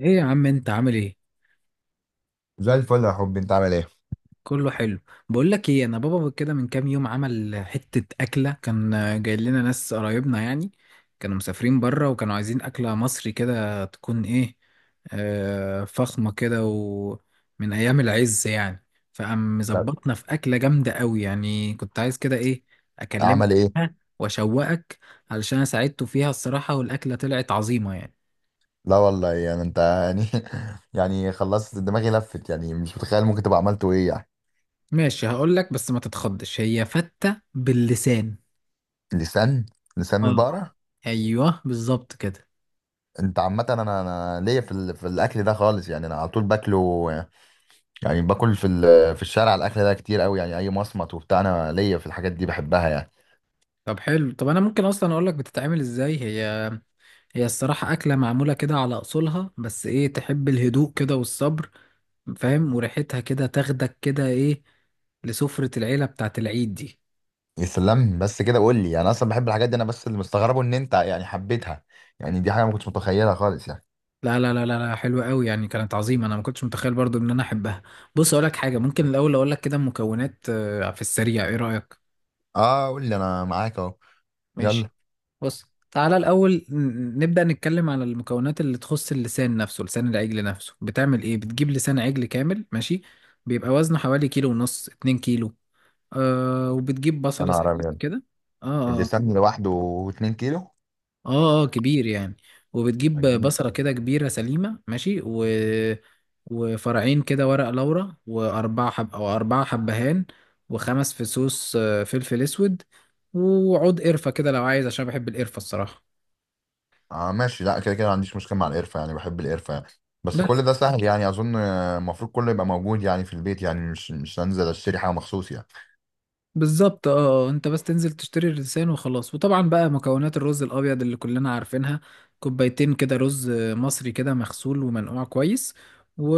ايه يا عم، انت عامل ايه؟ زي الفل يا حبي، انت عامل ايه؟ كله حلو. بقول لك ايه، انا بابا كده من كام يوم عمل حتة اكلة، كان جاي لنا ناس قرايبنا يعني، كانوا مسافرين بره وكانوا عايزين اكلة مصري كده تكون ايه، فخمة كده ومن ايام العز يعني. فقام طب مظبطنا في اكلة جامدة قوي يعني، كنت عايز كده ايه، اكلمك عمل ايه؟ واشوقك، علشان أنا ساعدته فيها الصراحة، والاكلة طلعت عظيمة يعني. لا والله، يعني انت يعني خلصت دماغي لفت، يعني مش متخيل ممكن تبقى عملته ايه يعني. ماشي، هقول لك بس ما تتخضش، هي فتة باللسان. لسان. لسان اه، البقرة. ايوه بالظبط كده. انت عامة انا ليا في في الاكل ده خالص يعني، انا على طول باكله، يعني باكل في في الشارع، الاكل ده كتير قوي يعني، اي مصمت وبتاع، انا ليا في الحاجات دي، بحبها يعني. طب حلو، طب انا ممكن اصلا اقول لك بتتعمل ازاي هي؟ هي الصراحه اكله معموله كده على اصولها، بس ايه، تحب الهدوء كده والصبر، فاهم، وريحتها كده تاخدك كده ايه، لسفره العيله بتاعت العيد دي. يا سلام، بس كده قول لي. يعني انا اصلا بحب الحاجات دي، انا بس اللي مستغربه ان انت يعني حبيتها، يعني دي حاجة ما كنتش متخيلها خالص يعني. لا لا لا لا لا، حلوه قوي يعني، كانت عظيمه، انا ما كنتش متخيل برضو ان انا احبها. بص اقول لك حاجه، ممكن الاول اقول لك كده المكونات، في السريع، ايه رايك؟ اه قول لي، انا معاك اهو. ماشي. يلا. بص، تعالى الأول نبدأ نتكلم على المكونات اللي تخص اللسان نفسه، لسان العجل نفسه. بتعمل إيه؟ بتجيب لسان عجل كامل، ماشي. بيبقى وزنه حوالي كيلو ونص، 2 كيلو. آه، وبتجيب يا بصلة نهار سليمة أبيض، كده. آه آه اللسان لوحده 2 كيلو. آه آه، كبير يعني. وبتجيب أجيب-. بصلة كده كبيرة سليمة ماشي، و... وفرعين كده ورق لورا وأربعة حب أو 4 حبهان، وخمس فصوص، فلفل أسود، وعود قرفة كده لو عايز عشان بحب القرفة الصراحة. اه ماشي، لا كده كده ما عنديش مشكله مع القرفه يعني، بحب القرفه يعني. بس كل ده سهل يعني، اظن المفروض كله يبقى موجود يعني في البيت، يعني مش هنزل اشتري حاجه مخصوص يعني. بالظبط اه. انت بس تنزل تشتري الرزان وخلاص، وطبعا بقى مكونات الرز الابيض اللي كلنا عارفينها، كوبايتين كده رز مصري كده مغسول ومنقوع كويس، و...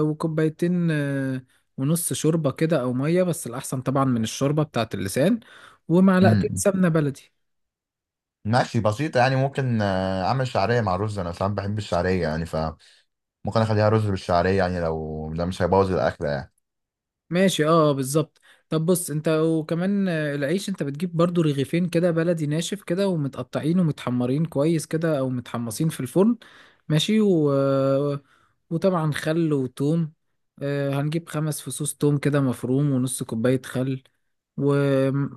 وكوبايتين، ونص شوربة كده او مية، بس الاحسن طبعا من الشوربة بتاعت اللسان، ومعلقتين امم سمنة بلدي. ماشي بسيطه يعني. ممكن اعمل شعريه مع رز، انا ساعات بحب الشعريه يعني، فممكن اخليها رز بالشعريه يعني، لو ده مش هيبوظ الاكله يعني. ماشي اه بالظبط. طب بص انت، وكمان العيش، انت بتجيب برضو رغيفين كده بلدي ناشف كده ومتقطعين ومتحمرين كويس كده او متحمصين في الفرن، ماشي، و... آه، وطبعا خل وتوم. هنجيب 5 فصوص توم كده مفروم ونص كوباية خل، و...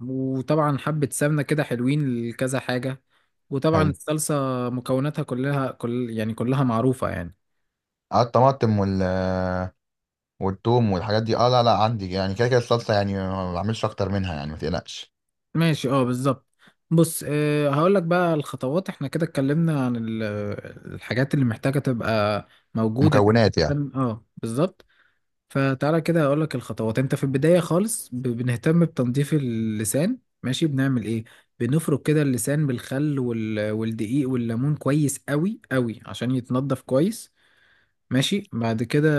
وطبعا حبة سمنة كده حلوين لكذا حاجة، وطبعا حلو. الصلصة، مكوناتها كلها كل يعني كلها معروفة يعني. اه الطماطم وال والثوم والحاجات دي، اه لا لا عندي يعني. كده كده الصلصه يعني ما بعملش اكتر منها يعني، ما تقلقش. ماشي اه بالظبط. بص، هقول لك بقى الخطوات، احنا كده اتكلمنا عن الحاجات اللي محتاجة تبقى موجودة. مكونات يعني. اه بالظبط. فتعالى كده هقول لك الخطوات، انت في البداية خالص بنهتم بتنظيف اللسان، ماشي، بنعمل ايه؟ بنفرك كده اللسان بالخل وال... والدقيق والليمون كويس قوي قوي، عشان يتنضف كويس، ماشي. بعد كده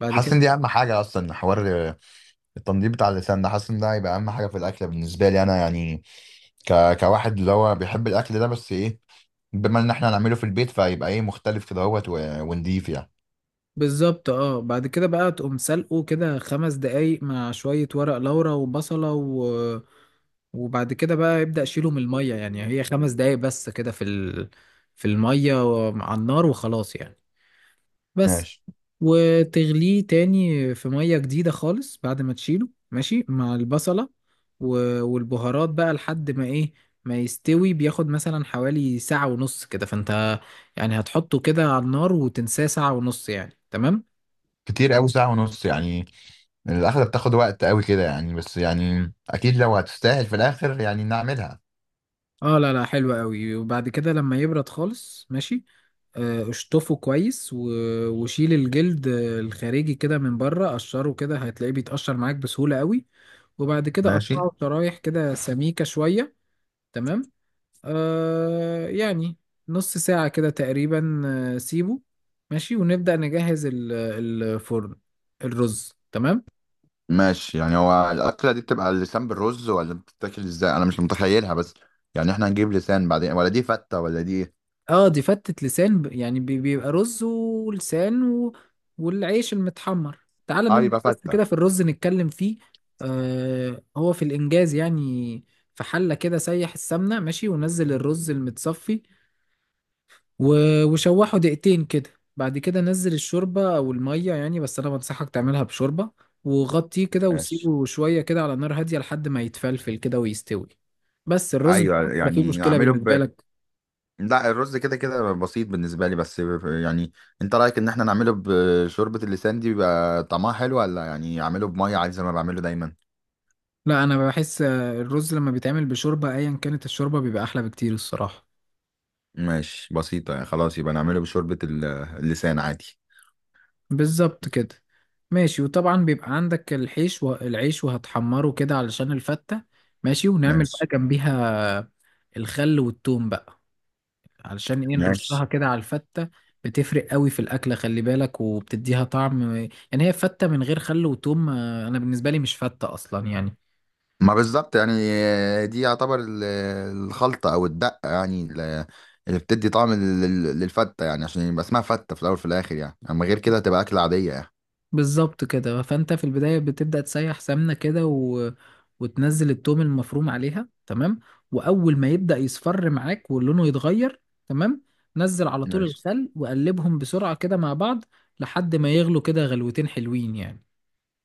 بعد حاسس كده ان دي اهم حاجه اصلا، حوار التنظيف بتاع اللسان ده، حاسس ان ده هيبقى اهم حاجه في الاكل بالنسبه لي انا يعني، كواحد اللي هو بيحب الاكل ده. بس ايه، بما ان احنا هنعمله في البيت فهيبقى ايه مختلف كده اهوت ونضيف يعني. بالظبط اه، بعد كده بقى تقوم سلقه كده 5 دقايق مع شوية ورق لورا وبصلة، و... وبعد كده بقى يبدأ شيله من المية يعني، هي 5 دقايق بس كده في المية، على النار وخلاص يعني، بس. ماشي. وتغليه تاني في مية جديدة خالص بعد ما تشيله ماشي مع البصلة و... والبهارات بقى لحد ما ايه، ما يستوي، بياخد مثلا حوالي ساعة ونص كده، فانت يعني هتحطه كده على النار وتنساه ساعة ونص يعني، تمام. كتير قوي ساعه ونص يعني، الاكله بتاخد وقت قوي كده يعني، بس يعني اكيد لو هتستاهل في الاخر يعني نعملها. اه لا لا حلو قوي. وبعد كده لما يبرد خالص ماشي، اشطفه كويس، و... وشيل الجلد الخارجي كده من بره، قشره كده هتلاقيه بيتقشر معاك بسهولة قوي، وبعد كده ماشي. قطعه شرايح كده سميكة شوية، تمام. يعني نص ساعة كده تقريبا، سيبه ماشي، ونبدأ نجهز الفرن، الرز تمام. ماشي يعني، هو الاكله دي بتبقى اللسان بالرز، ولا بتتاكل ازاي؟ انا مش متخيلها بس، يعني احنا هنجيب لسان بعدين، ولا دي فته، ولا دي إيه؟ اه، دي فتة لسان، يعني بيبقى رز ولسان و... والعيش المتحمر. تعال اه نبدأ يبقى بس فته. كده في الرز نتكلم فيه. هو في الإنجاز يعني، في حلة كده سيح السمنة ماشي، ونزل الرز المتصفي، و... وشوحه دقيقتين كده، بعد كده نزل الشوربة أو المية يعني، بس أنا بنصحك تعملها بشوربة، وغطيه كده ماشي. وسيبه شوية كده على نار هادية لحد ما يتفلفل كده ويستوي، بس الرز ده. ايوه لا، فيه يعني مشكلة اعمله بالنسبة ب. لك؟ لا الرز كده كده بسيط بالنسبه لي، بس يعني انت رايك ان احنا نعمله بشوربه اللسان دي بيبقى طعمها حلو، ولا يعني اعمله بميه عادي زي ما بعمله دايما؟ لا انا بحس، الرز لما بيتعمل بشوربه ايا كانت الشوربه بيبقى احلى بكتير الصراحه. ماشي بسيطه يعني، خلاص يبقى نعمله بشوربه اللسان عادي. بالظبط كده، ماشي، وطبعا بيبقى عندك الحيش والعيش وهتحمره كده علشان الفته، ماشي، ونعمل بقى ماشي. جنبيها الخل والثوم بقى، علشان ايه، ماشي، نرشها كده على الفته، بتفرق قوي في الاكله، خلي بالك وبتديها طعم، يعني هي فته من غير خل وثوم، انا بالنسبه لي مش فته اصلا يعني. ما بالظبط يعني. دي يعتبر الخلطه او الدقه يعني، اللي بتدي طعم للفته يعني، عشان يبقى اسمها فته في الاول وفي الاخر يعني. اما غير كده هتبقى اكله عاديه يعني. بالظبط كده، فانت في البدايه بتبدا تسيح سمنه كده، و... وتنزل التوم المفروم عليها تمام، واول ما يبدا يصفر معاك ولونه يتغير تمام، نزل على طول ماشي. الخل وقلبهم بسرعه كده مع بعض لحد ما يغلوا كده غلوتين حلوين يعني.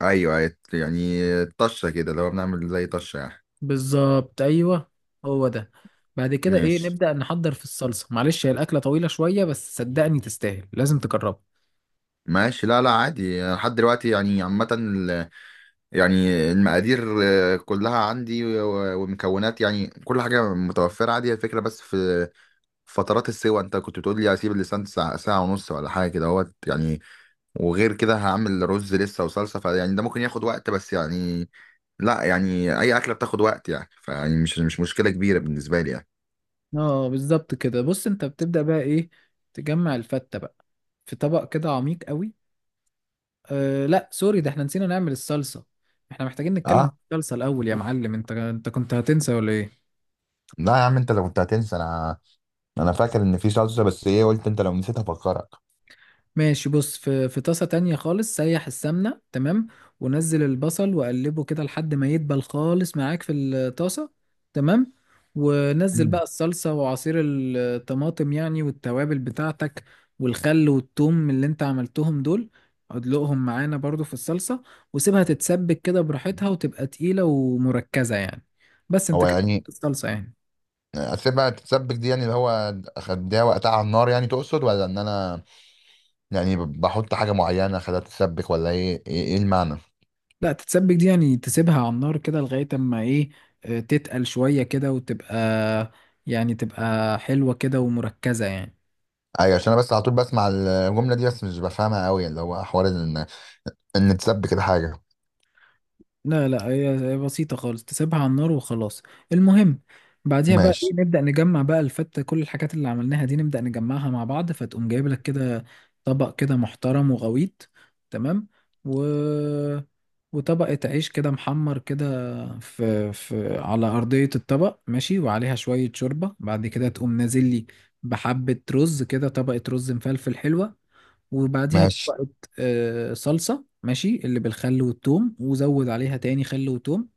ايوه أيوة، يعني طشه كده، لو بنعمل زي طشه يعني. بالظبط ايوه، هو ده. بعد كده ايه، ماشي. نبدا نحضر في الصلصه، معلش هي الاكله طويله شويه بس صدقني تستاهل، لازم تجربها. ماشي لا لا عادي، أنا لحد دلوقتي يعني، عامة يعني المقادير كلها عندي ومكونات، يعني كل حاجة متوفرة عادي. هي الفكرة بس في فترات السوا انت كنت بتقول لي هسيب اللسان ساعة, ساعة ونص، ولا حاجة كده اهوت يعني. وغير كده هعمل رز لسه وصلصة، فيعني ده ممكن ياخد وقت. بس يعني لا، يعني أي أكلة بتاخد وقت يعني، فيعني مش مشكلة كبيرة بالنسبة لي يعني. اه بالظبط كده، بص انت بتبدا بقى ايه، تجمع الفته بقى في طبق كده عميق قوي. أه لا سوري، ده احنا نسينا نعمل الصلصة، احنا محتاجين نتكلم اه. في الصلصة الأول يا معلم، انت كنت هتنسى ولا ايه؟ لا يا عم، انت لو كنت هتنسى، انا فاكر ان في صلصه، بس ايه قلت انت لو نسيت هفكرك. ماشي. بص، في طاسة تانية خالص سيح السمنة تمام، ونزل البصل وقلبه كده لحد ما يدبل خالص معاك في الطاسة تمام، ونزل مم. بقى الصلصة وعصير الطماطم يعني والتوابل بتاعتك والخل والثوم اللي انت عملتهم دول، ادلقهم معانا برضو في الصلصة، وسيبها تتسبك كده براحتها وتبقى تقيلة ومركزة يعني، بس انت هو كده يعني عملت الصلصة يعني. اسيبها تتسبك دي يعني، اللي هو اخدها وقتها على النار يعني تقصد، ولا ان انا يعني بحط حاجه معينه اخدها تتسبك، ولا ايه ايه, إيه المعنى؟ لا، تتسبك دي يعني تسيبها على النار كده لغاية اما ايه، تتقل شوية كده وتبقى، يعني تبقى حلوة كده ومركزة يعني. ايوه، عشان انا بس على طول بسمع الجمله دي، بس مش بفهمها قوي، اللي هو حوار ان ان تسبك الحاجه. لا لا، هي بسيطة خالص، تسيبها على النار وخلاص، المهم. بعديها بقى ايه، ماشي. نبدأ نجمع بقى الفتة، كل الحاجات اللي عملناها دي نبدأ نجمعها مع بعض، فتقوم جايب لك كده طبق كده محترم وغويط تمام، و... وطبقة عيش كده محمر كده في على أرضية الطبق ماشي، وعليها شوية شوربة، بعد كده تقوم نازل لي بحبة رز كده، طبقة رز مفلفل حلوة، وبعديها ماشي، طبقة، صلصة ماشي، اللي بالخل والثوم، وزود عليها تاني خل وثوم،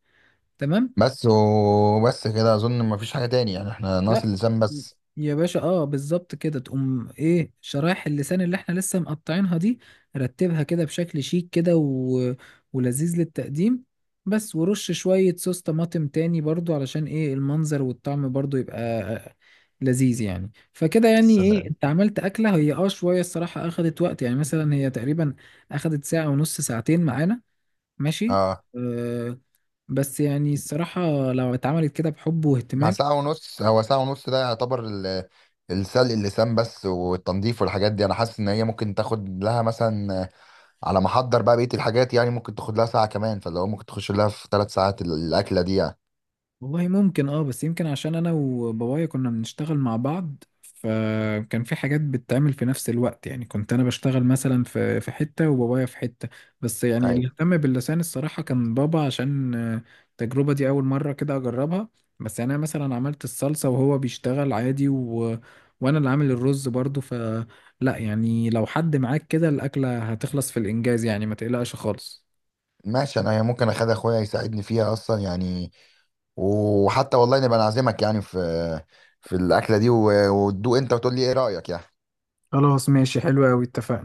تمام. بس وبس كده اظن مفيش حاجه تاني يعني، احنا ناقص لا اللسان بس. يا باشا، اه بالظبط كده، تقوم ايه، شرايح اللسان اللي احنا لسه مقطعينها دي، رتبها كده بشكل شيك كده، و... ولذيذ للتقديم، بس ورش شوية صوص طماطم تاني برضو، علشان ايه المنظر والطعم برضو يبقى لذيذ يعني، فكده يعني ايه سلام. انت عملت اكلة، هي شوية الصراحة اخدت وقت يعني، مثلا هي تقريبا اخدت ساعة ونص ساعتين معانا ماشي. اه، أه، بس يعني الصراحة لو اتعملت كده بحب مع واهتمام، ساعة ونص. هو ساعة ونص ده يعتبر السلق اللسان بس، والتنظيف والحاجات دي، انا حاسس ان هي ممكن تاخد لها مثلا على ما احضر بقى بقية الحاجات يعني، ممكن تاخد لها ساعة كمان، فاللي هو ممكن تخش لها في 3 ساعات الأكلة دي يعني. والله ممكن، بس يمكن عشان انا وبابايا كنا بنشتغل مع بعض، فكان في حاجات بتتعمل في نفس الوقت يعني، كنت انا بشتغل مثلا في حتة وبابايا في حتة، بس يعني اللي ايوه. اهتم باللسان الصراحة كان بابا، عشان التجربة دي اول مرة كده اجربها، بس يعني انا مثلا عملت الصلصة وهو بيشتغل عادي، و... وانا اللي عامل الرز برضو، لا يعني لو حد معاك كده الاكلة هتخلص في الانجاز يعني، ما تقلقش خالص. ماشي، انا ممكن اخد اخويا يساعدني فيها اصلا يعني، وحتى والله نبقى نعزمك يعني في في الأكلة دي، وتدوق انت وتقول لي ايه رأيك يعني. خلاص ماشي، حلو قوي، اتفقنا.